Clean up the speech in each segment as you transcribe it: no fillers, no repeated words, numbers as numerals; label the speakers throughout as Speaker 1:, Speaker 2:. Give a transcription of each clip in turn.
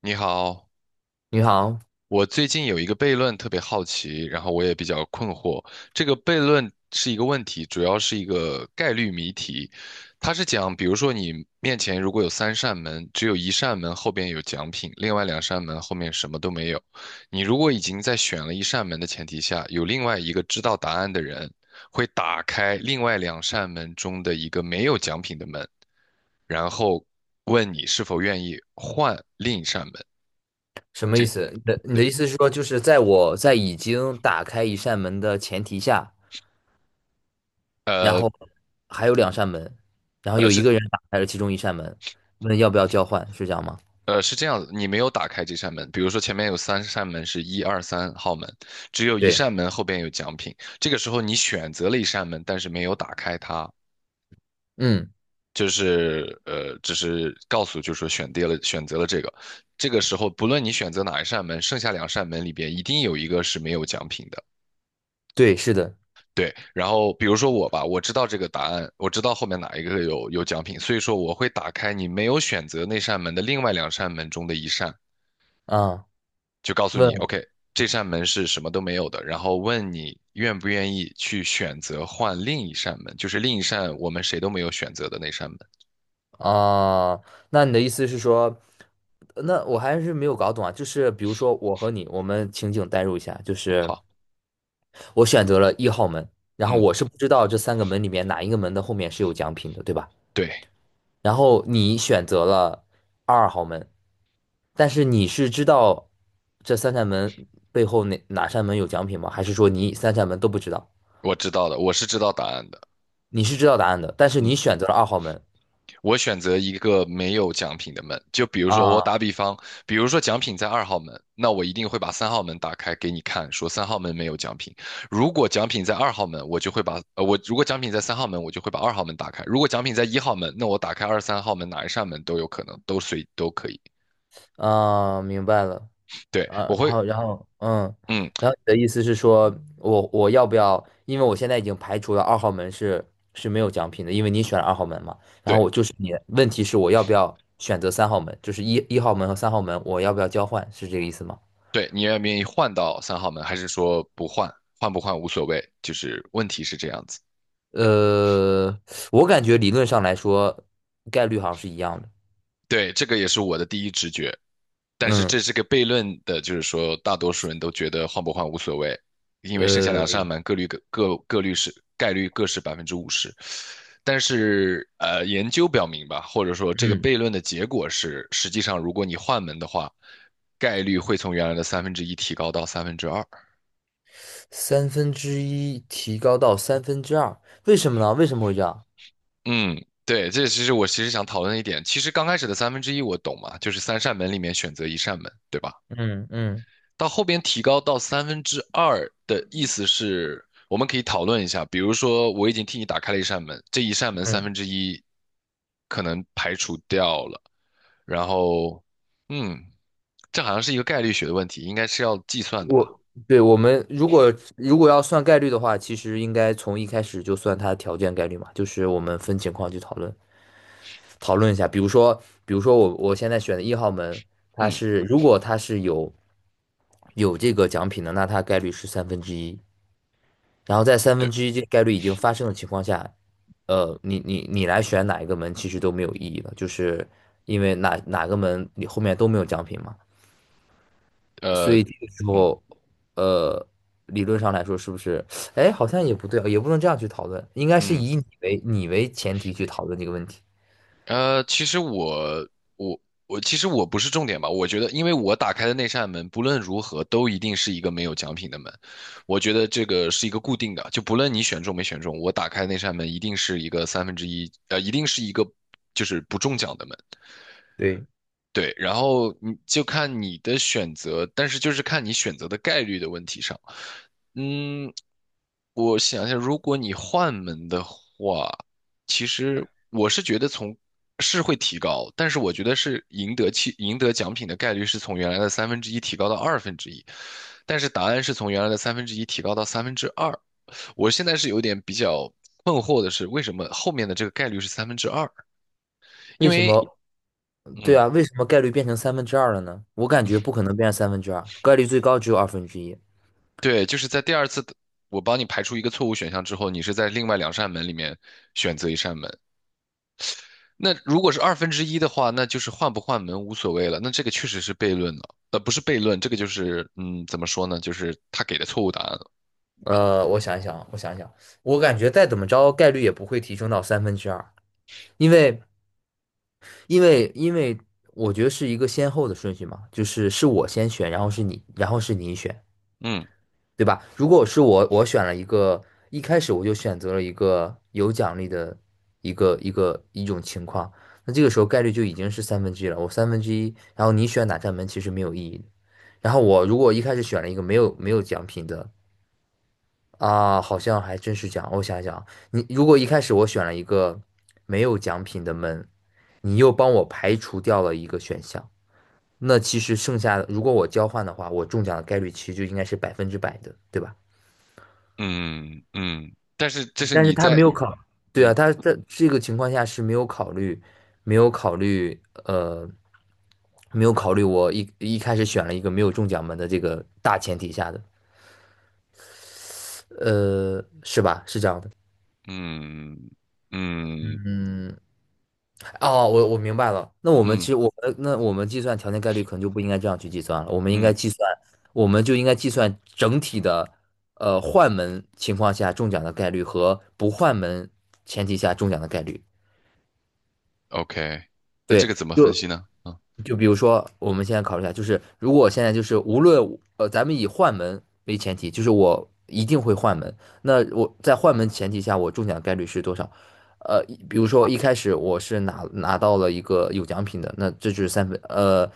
Speaker 1: 你好，
Speaker 2: 你好，
Speaker 1: 我最近有一个悖论特别好奇，然后我也比较困惑。这个悖论是一个问题，主要是一个概率谜题。它是讲，比如说你面前如果有三扇门，只有一扇门后边有奖品，另外两扇门后面什么都没有。你如果已经在选了一扇门的前提下，有另外一个知道答案的人会打开另外两扇门中的一个没有奖品的门，然后问你是否愿意换另一扇门。
Speaker 2: 什么意
Speaker 1: 这
Speaker 2: 思？你的意思是说，就是在我在已经打开一扇门的前提下，然后还有两扇门，然后有一
Speaker 1: 是。
Speaker 2: 个人打开了其中一扇门，问要不要交换，是这样吗？
Speaker 1: 是这样子，你没有打开这扇门。比如说，前面有三扇门是一二三号门，只有一
Speaker 2: 对，
Speaker 1: 扇门后边有奖品。这个时候你选择了一扇门，但是没有打开它，
Speaker 2: 嗯，
Speaker 1: 就是，只是告诉就是说选定了选择了这个。这个时候，不论你选择哪一扇门，剩下两扇门里边一定有一个是没有奖品的。
Speaker 2: 对，是的，
Speaker 1: 对，然后比如说我吧，我知道这个答案，我知道后面哪一个有奖品，所以说我会打开你没有选择那扇门的另外两扇门中的一扇，
Speaker 2: 啊，
Speaker 1: 就告诉
Speaker 2: 问
Speaker 1: 你，OK,这扇门是什么都没有的，然后问你愿不愿意去选择换另一扇门，就是另一扇我们谁都没有选择的那扇门。
Speaker 2: 啊，那你的意思是说，那我还是没有搞懂啊，就是比如说我和你，我们情景代入一下，就是
Speaker 1: 好，
Speaker 2: 我选择了一号门，然后
Speaker 1: 嗯，
Speaker 2: 我是不知道这三个门里面哪一个门的后面是有奖品的，对吧？
Speaker 1: 对，
Speaker 2: 然后你选择了二号门，但是你是知道这三扇门背后哪扇门有奖品吗？还是说你三扇门都不知道？
Speaker 1: 我知道的，我是知道答案的。
Speaker 2: 你是知道答案的，但是
Speaker 1: 嗯。
Speaker 2: 你选择了二号门
Speaker 1: 我选择一个没有奖品的门，就比如说我
Speaker 2: 啊
Speaker 1: 打比方，比如说奖品在二号门，那我一定会把三号门打开给你看，说三号门没有奖品。如果奖品在二号门，我就会把呃我如果奖品在三号门，我就会把二号门打开。如果奖品在一号门，那我打开二三号门哪一扇门都有可能，都可以。
Speaker 2: 啊，明白了
Speaker 1: 对，
Speaker 2: 啊。
Speaker 1: 我
Speaker 2: 然
Speaker 1: 会
Speaker 2: 后然后
Speaker 1: 嗯
Speaker 2: 然后你的意思是说我要不要？因为我现在已经排除了二号门是是没有奖品的，因为你选了二号门嘛。然后
Speaker 1: 对
Speaker 2: 我就是你，问题是我要不要选择三号门？就是一号门和三号门，我要不要交换？是这个意思吗？
Speaker 1: 对，你愿不愿意换到三号门，还是说不换？换不换无所谓，就是问题是这样子。
Speaker 2: 呃，我感觉理论上来说，概率好像是一样的。
Speaker 1: 对，这个也是我的第一直觉。但是
Speaker 2: 嗯，
Speaker 1: 这是个悖论的，就是说大多数人都觉得换不换无所谓，因为剩下两
Speaker 2: 呃，
Speaker 1: 扇门各率各各各率是概率各是百分之五十。但是研究表明吧，或者说这个
Speaker 2: 嗯，
Speaker 1: 悖论的结果是，实际上如果你换门的话，概率会从原来的三分之一提高到三分之二。
Speaker 2: 三分之一提高到三分之二，为什么呢？为什么会这样？
Speaker 1: 嗯，对，这其实我其实想讨论一点，其实刚开始的三分之一我懂嘛，就是三扇门里面选择一扇门，对吧？
Speaker 2: 嗯嗯
Speaker 1: 到后边提高到三分之二的意思是，我们可以讨论一下，比如说我已经替你打开了一扇门，这一扇门三
Speaker 2: 嗯。
Speaker 1: 分之一可能排除掉了，然后，嗯，这好像是一个概率学的问题，应该是要计算的吧？
Speaker 2: 我对我们如果要算概率的话，其实应该从一开始就算它的条件概率嘛，就是我们分情况去讨论讨论一下。比如说，比如说我现在选的一号门，它
Speaker 1: 嗯，
Speaker 2: 是如果它是有有这个奖品的，那它概率是三分之一。然后在三分
Speaker 1: 对，
Speaker 2: 之一这个概率已经发生的情况下，呃，你来选哪一个门其实都没有意义了，就是因为哪个门你后面都没有奖品嘛。所
Speaker 1: 呃，
Speaker 2: 以这个时
Speaker 1: 嗯
Speaker 2: 候，呃，理论上来说，是不是？哎，好像也不对啊，也不能这样去讨论，应该是
Speaker 1: 嗯
Speaker 2: 以你为前提去讨论这个问题。
Speaker 1: 呃，其实我我其实我不是重点吧，我觉得，因为我打开的那扇门，不论如何都一定是一个没有奖品的门，我觉得这个是一个固定的，就不论你选中没选中，我打开那扇门一定是一个就是不中奖的门，
Speaker 2: 对，
Speaker 1: 对，然后你就看你的选择，但是就是看你选择的概率的问题上。嗯，我想一下，如果你换门的话，其实我是觉得是会提高，但是我觉得是赢得奖品的概率是从原来的三分之一提高到二分之一，但是答案是从原来的三分之一提高到三分之二。我现在是有点比较困惑的是，为什么后面的这个概率是三分之二？因
Speaker 2: 为什
Speaker 1: 为。
Speaker 2: 么？对
Speaker 1: 嗯。
Speaker 2: 啊，为什么概率变成三分之二了呢？我感觉不可能变成三分之二，概率最高只有二分之一。
Speaker 1: 对，就是在第二次的我帮你排除一个错误选项之后，你是在另外两扇门里面选择一扇门。那如果是二分之一的话，那就是换不换门无所谓了。那这个确实是悖论了，不是悖论，这个就是，怎么说呢？就是他给的错误答案了。
Speaker 2: 我想一想啊，我想一想，我感觉再怎么着，概率也不会提升到三分之二，因为因为我觉得是一个先后的顺序嘛，就是是我先选，然后是你，然后是你选。
Speaker 1: 嗯
Speaker 2: 对吧？如果是我，我选了一个，一开始我就选择了一个有奖励的一个一种情况，那这个时候概率就已经是三分之一了。我三分之一，然后你选哪扇门其实没有意义的然后我如果一开始选了一个没有奖品的啊，好像还真是奖。我想想，你如果一开始我选了一个没有奖品的门，你又帮我排除掉了一个选项，那其实剩下的如果我交换的话，我中奖的概率其实就应该是百分之百的，对吧？
Speaker 1: 嗯嗯，但是这是
Speaker 2: 但是
Speaker 1: 你
Speaker 2: 他没
Speaker 1: 在
Speaker 2: 有考，对啊，
Speaker 1: 嗯
Speaker 2: 他在这个情况下是没有考虑，没有考虑，没有考虑我一开始选了一个没有中奖门的这个大前提下的，呃，是吧？是这样的，
Speaker 1: 嗯嗯
Speaker 2: 嗯，哦，我明白了。那我们其
Speaker 1: 嗯
Speaker 2: 实我们那我们计算条件概率可能就不应该这样去计算了，我们应该
Speaker 1: 嗯
Speaker 2: 计算，我们就应该计算整体的，呃，换门情况下中奖的概率和不换门前提下中奖的概率。
Speaker 1: ，OK,那这
Speaker 2: 对，
Speaker 1: 个怎么分
Speaker 2: 就
Speaker 1: 析呢？啊，
Speaker 2: 就比如说，我们现在考虑一下，就是如果我现在就是无论咱们以换门为前提，就是我一定会换门。那我在换门前提下，我中奖概率是多少？呃，比如说一开始我是拿到了一个有奖品的，那这就是三分。呃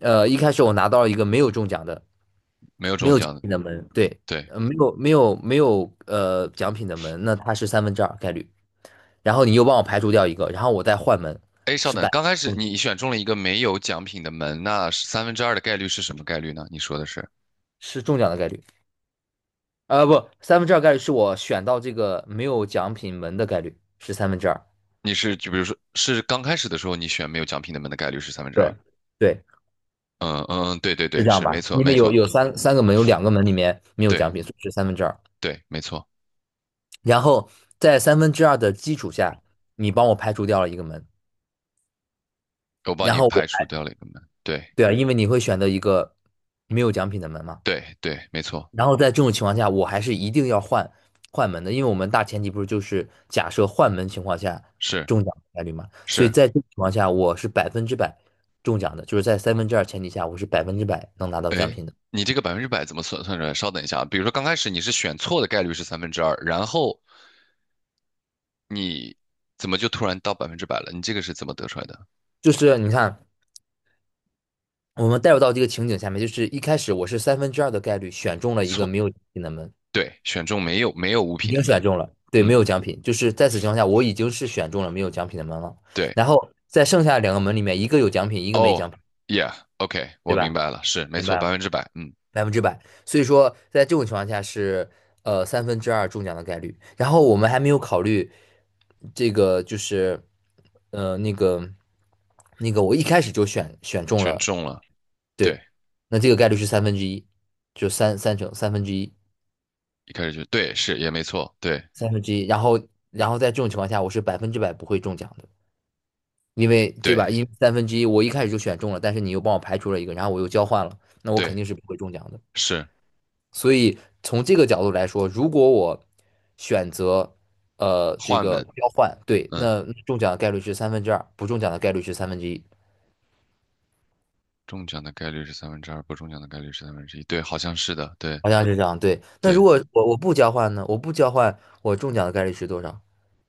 Speaker 2: 呃，一开始我拿到了一个没有中奖的
Speaker 1: 没有中奖的，
Speaker 2: 的门，对，
Speaker 1: 对。
Speaker 2: 呃没有呃奖品的门，那它是三分之二概率。然后你又帮我排除掉一个，然后我再换门，
Speaker 1: 哎，稍
Speaker 2: 是
Speaker 1: 等，
Speaker 2: 百
Speaker 1: 刚开始
Speaker 2: 嗯
Speaker 1: 你选中了一个没有奖品的门，那是三分之二的概率是什么概率呢？你说的是，
Speaker 2: 是中奖的概率。呃，不，三分之二概率是我选到这个没有奖品门的概率是三分之二。
Speaker 1: 就比如说是刚开始的时候你选没有奖品的门的概率是三分之二。
Speaker 2: 对，对，
Speaker 1: 嗯嗯嗯，对对
Speaker 2: 是
Speaker 1: 对，
Speaker 2: 这样
Speaker 1: 是没
Speaker 2: 吧？
Speaker 1: 错
Speaker 2: 因
Speaker 1: 没
Speaker 2: 为有
Speaker 1: 错，
Speaker 2: 有三个门，有两个门里面没有
Speaker 1: 对
Speaker 2: 奖品，所以是三分之二。
Speaker 1: 对没错，
Speaker 2: 然后在三分之二的基础下，你帮我排除掉了一个门，
Speaker 1: 我帮
Speaker 2: 然
Speaker 1: 你
Speaker 2: 后我，
Speaker 1: 排除掉了一个门，对
Speaker 2: 对啊，因为你会选择一个没有奖品的门嘛。
Speaker 1: 对对，没错，
Speaker 2: 然后在这种情况下，我还是一定要换换门的，因为我们大前提不是就是假设换门情况下
Speaker 1: 是
Speaker 2: 中奖的概率嘛，所以
Speaker 1: 是，
Speaker 2: 在这种情况下，我是百分之百中奖的，就是在三分之二前提下，我是百分之百能拿到奖
Speaker 1: 哎，
Speaker 2: 品的。
Speaker 1: 你这个百分之百怎么算算出来？稍等一下啊，比如说刚开始你是选错的概率是三分之二，然后你怎么就突然到百分之百了？你这个是怎么得出来的？
Speaker 2: 就是你看，我们带入到这个情景下面，就是一开始我是三分之二的概率选中了一个
Speaker 1: 错，
Speaker 2: 没有奖品的门，
Speaker 1: 对，选中没有物
Speaker 2: 已
Speaker 1: 品的
Speaker 2: 经选
Speaker 1: 门。
Speaker 2: 中了，对，没
Speaker 1: 嗯，
Speaker 2: 有奖品，就是在此情况下，我已经是选中了没有奖品的门了。
Speaker 1: 对，
Speaker 2: 然后在剩下两个门里面，一个有奖品，一个没奖
Speaker 1: 哦
Speaker 2: 品，
Speaker 1: ，yeah，OK，我
Speaker 2: 对
Speaker 1: 明
Speaker 2: 吧？
Speaker 1: 白了，是没
Speaker 2: 明
Speaker 1: 错，
Speaker 2: 白
Speaker 1: 百
Speaker 2: 吗？
Speaker 1: 分之百，嗯，
Speaker 2: 百分之百。所以说，在这种情况下是呃三分之二中奖的概率。然后我们还没有考虑这个，就是呃那个那个，我一开始就选选中
Speaker 1: 全
Speaker 2: 了，
Speaker 1: 中了，
Speaker 2: 对，
Speaker 1: 对，
Speaker 2: 那这个概率是三分之一，就三成三分之一，
Speaker 1: 一开始就对，是也没错，对，
Speaker 2: 三分之一。然后然后在这种情况下，我是百分之百不会中奖的，因为对
Speaker 1: 对，
Speaker 2: 吧？因为三分之一我一开始就选中了，但是你又帮我排除了一个，然后我又交换了，那我肯
Speaker 1: 对，
Speaker 2: 定是不会中奖的。
Speaker 1: 是
Speaker 2: 所以从这个角度来说，如果我选择呃这
Speaker 1: 换
Speaker 2: 个
Speaker 1: 门，
Speaker 2: 交换，对，
Speaker 1: 嗯，
Speaker 2: 那那中奖的概率是三分之二，不中奖的概率是三分之一，
Speaker 1: 中奖的概率是三分之二，不中奖的概率是三分之一，对，好像是的，对，
Speaker 2: 好像是这样。对，那
Speaker 1: 对，
Speaker 2: 如果我不交换呢？我不交换，我中奖的概率是多少？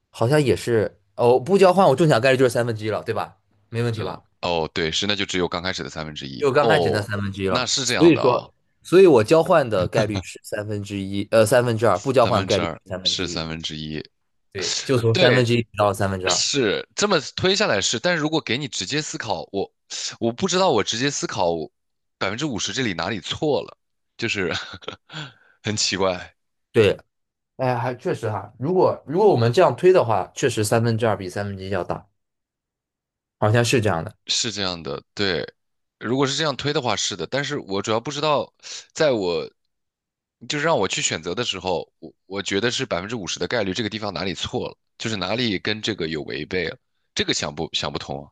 Speaker 2: 好像也是，哦，不交换我中奖概率就是三分之一了，对吧？没
Speaker 1: 我
Speaker 2: 问
Speaker 1: 知
Speaker 2: 题
Speaker 1: 道，
Speaker 2: 吧？
Speaker 1: 哦，对，是，那就只有刚开始的三分之一，
Speaker 2: 就刚开始那
Speaker 1: 哦，
Speaker 2: 三分之一
Speaker 1: 那
Speaker 2: 了。
Speaker 1: 是这
Speaker 2: 所
Speaker 1: 样
Speaker 2: 以
Speaker 1: 的哦，
Speaker 2: 说，所以我交换的概率是三分之一，呃，三分之二，不交
Speaker 1: 三
Speaker 2: 换
Speaker 1: 分
Speaker 2: 概
Speaker 1: 之
Speaker 2: 率
Speaker 1: 二
Speaker 2: 是三分之
Speaker 1: 是
Speaker 2: 一。
Speaker 1: 三分之一，
Speaker 2: 对，就从三分
Speaker 1: 对。
Speaker 2: 之一到三分之二。
Speaker 1: 是这么推下来是，但是如果给你直接思考，我不知道我直接思考百分之五十这里哪里错了，就是 很奇怪，
Speaker 2: 对，哎，还确实哈，如果如果我们这样推的话，确实三分之二比三分之一要大，好像是这样的。
Speaker 1: 是这样的，对。如果是这样推的话，是的，但是我主要不知道，在我就是让我去选择的时候，我觉得是百分之五十的概率，这个地方哪里错了，就是哪里跟这个有违背了，这个想不通啊？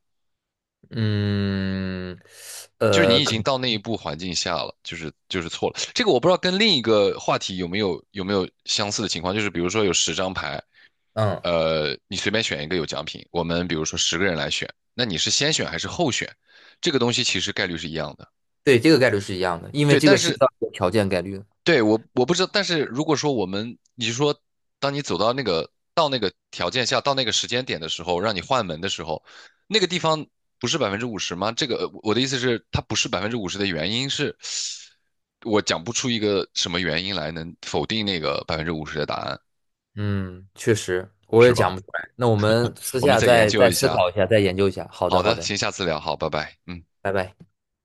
Speaker 2: 嗯，
Speaker 1: 就是
Speaker 2: 呃，
Speaker 1: 你已
Speaker 2: 可
Speaker 1: 经
Speaker 2: 能，
Speaker 1: 到那一步环境下了，就是错了。这个我不知道跟另一个话题有没有相似的情况，就是比如说有10张牌，
Speaker 2: 嗯，
Speaker 1: 你随便选一个有奖品，我们比如说10个人来选，那你是先选还是后选？这个东西其实概率是一样的，
Speaker 2: 对，这个概率是一样的，因为
Speaker 1: 对。
Speaker 2: 这
Speaker 1: 但
Speaker 2: 个是一
Speaker 1: 是
Speaker 2: 个条件概率
Speaker 1: 对，我不知道，但是如果说我们，你是说，当你走到那个条件下，到那个时间点的时候，让你换门的时候，那个地方不是百分之五十吗？这个我的意思是，它不是百分之五十的原因是，我讲不出一个什么原因来能否定那个百分之五十的答案，
Speaker 2: 嗯，确实，我也
Speaker 1: 是吧？
Speaker 2: 讲不出来。那我们私
Speaker 1: 我们
Speaker 2: 下
Speaker 1: 再研
Speaker 2: 再
Speaker 1: 究
Speaker 2: 再
Speaker 1: 一
Speaker 2: 思
Speaker 1: 下。
Speaker 2: 考一下，再研究一下。好的，
Speaker 1: 好
Speaker 2: 好
Speaker 1: 的，
Speaker 2: 的，
Speaker 1: 行，下次聊，好，拜拜，嗯。
Speaker 2: 拜拜。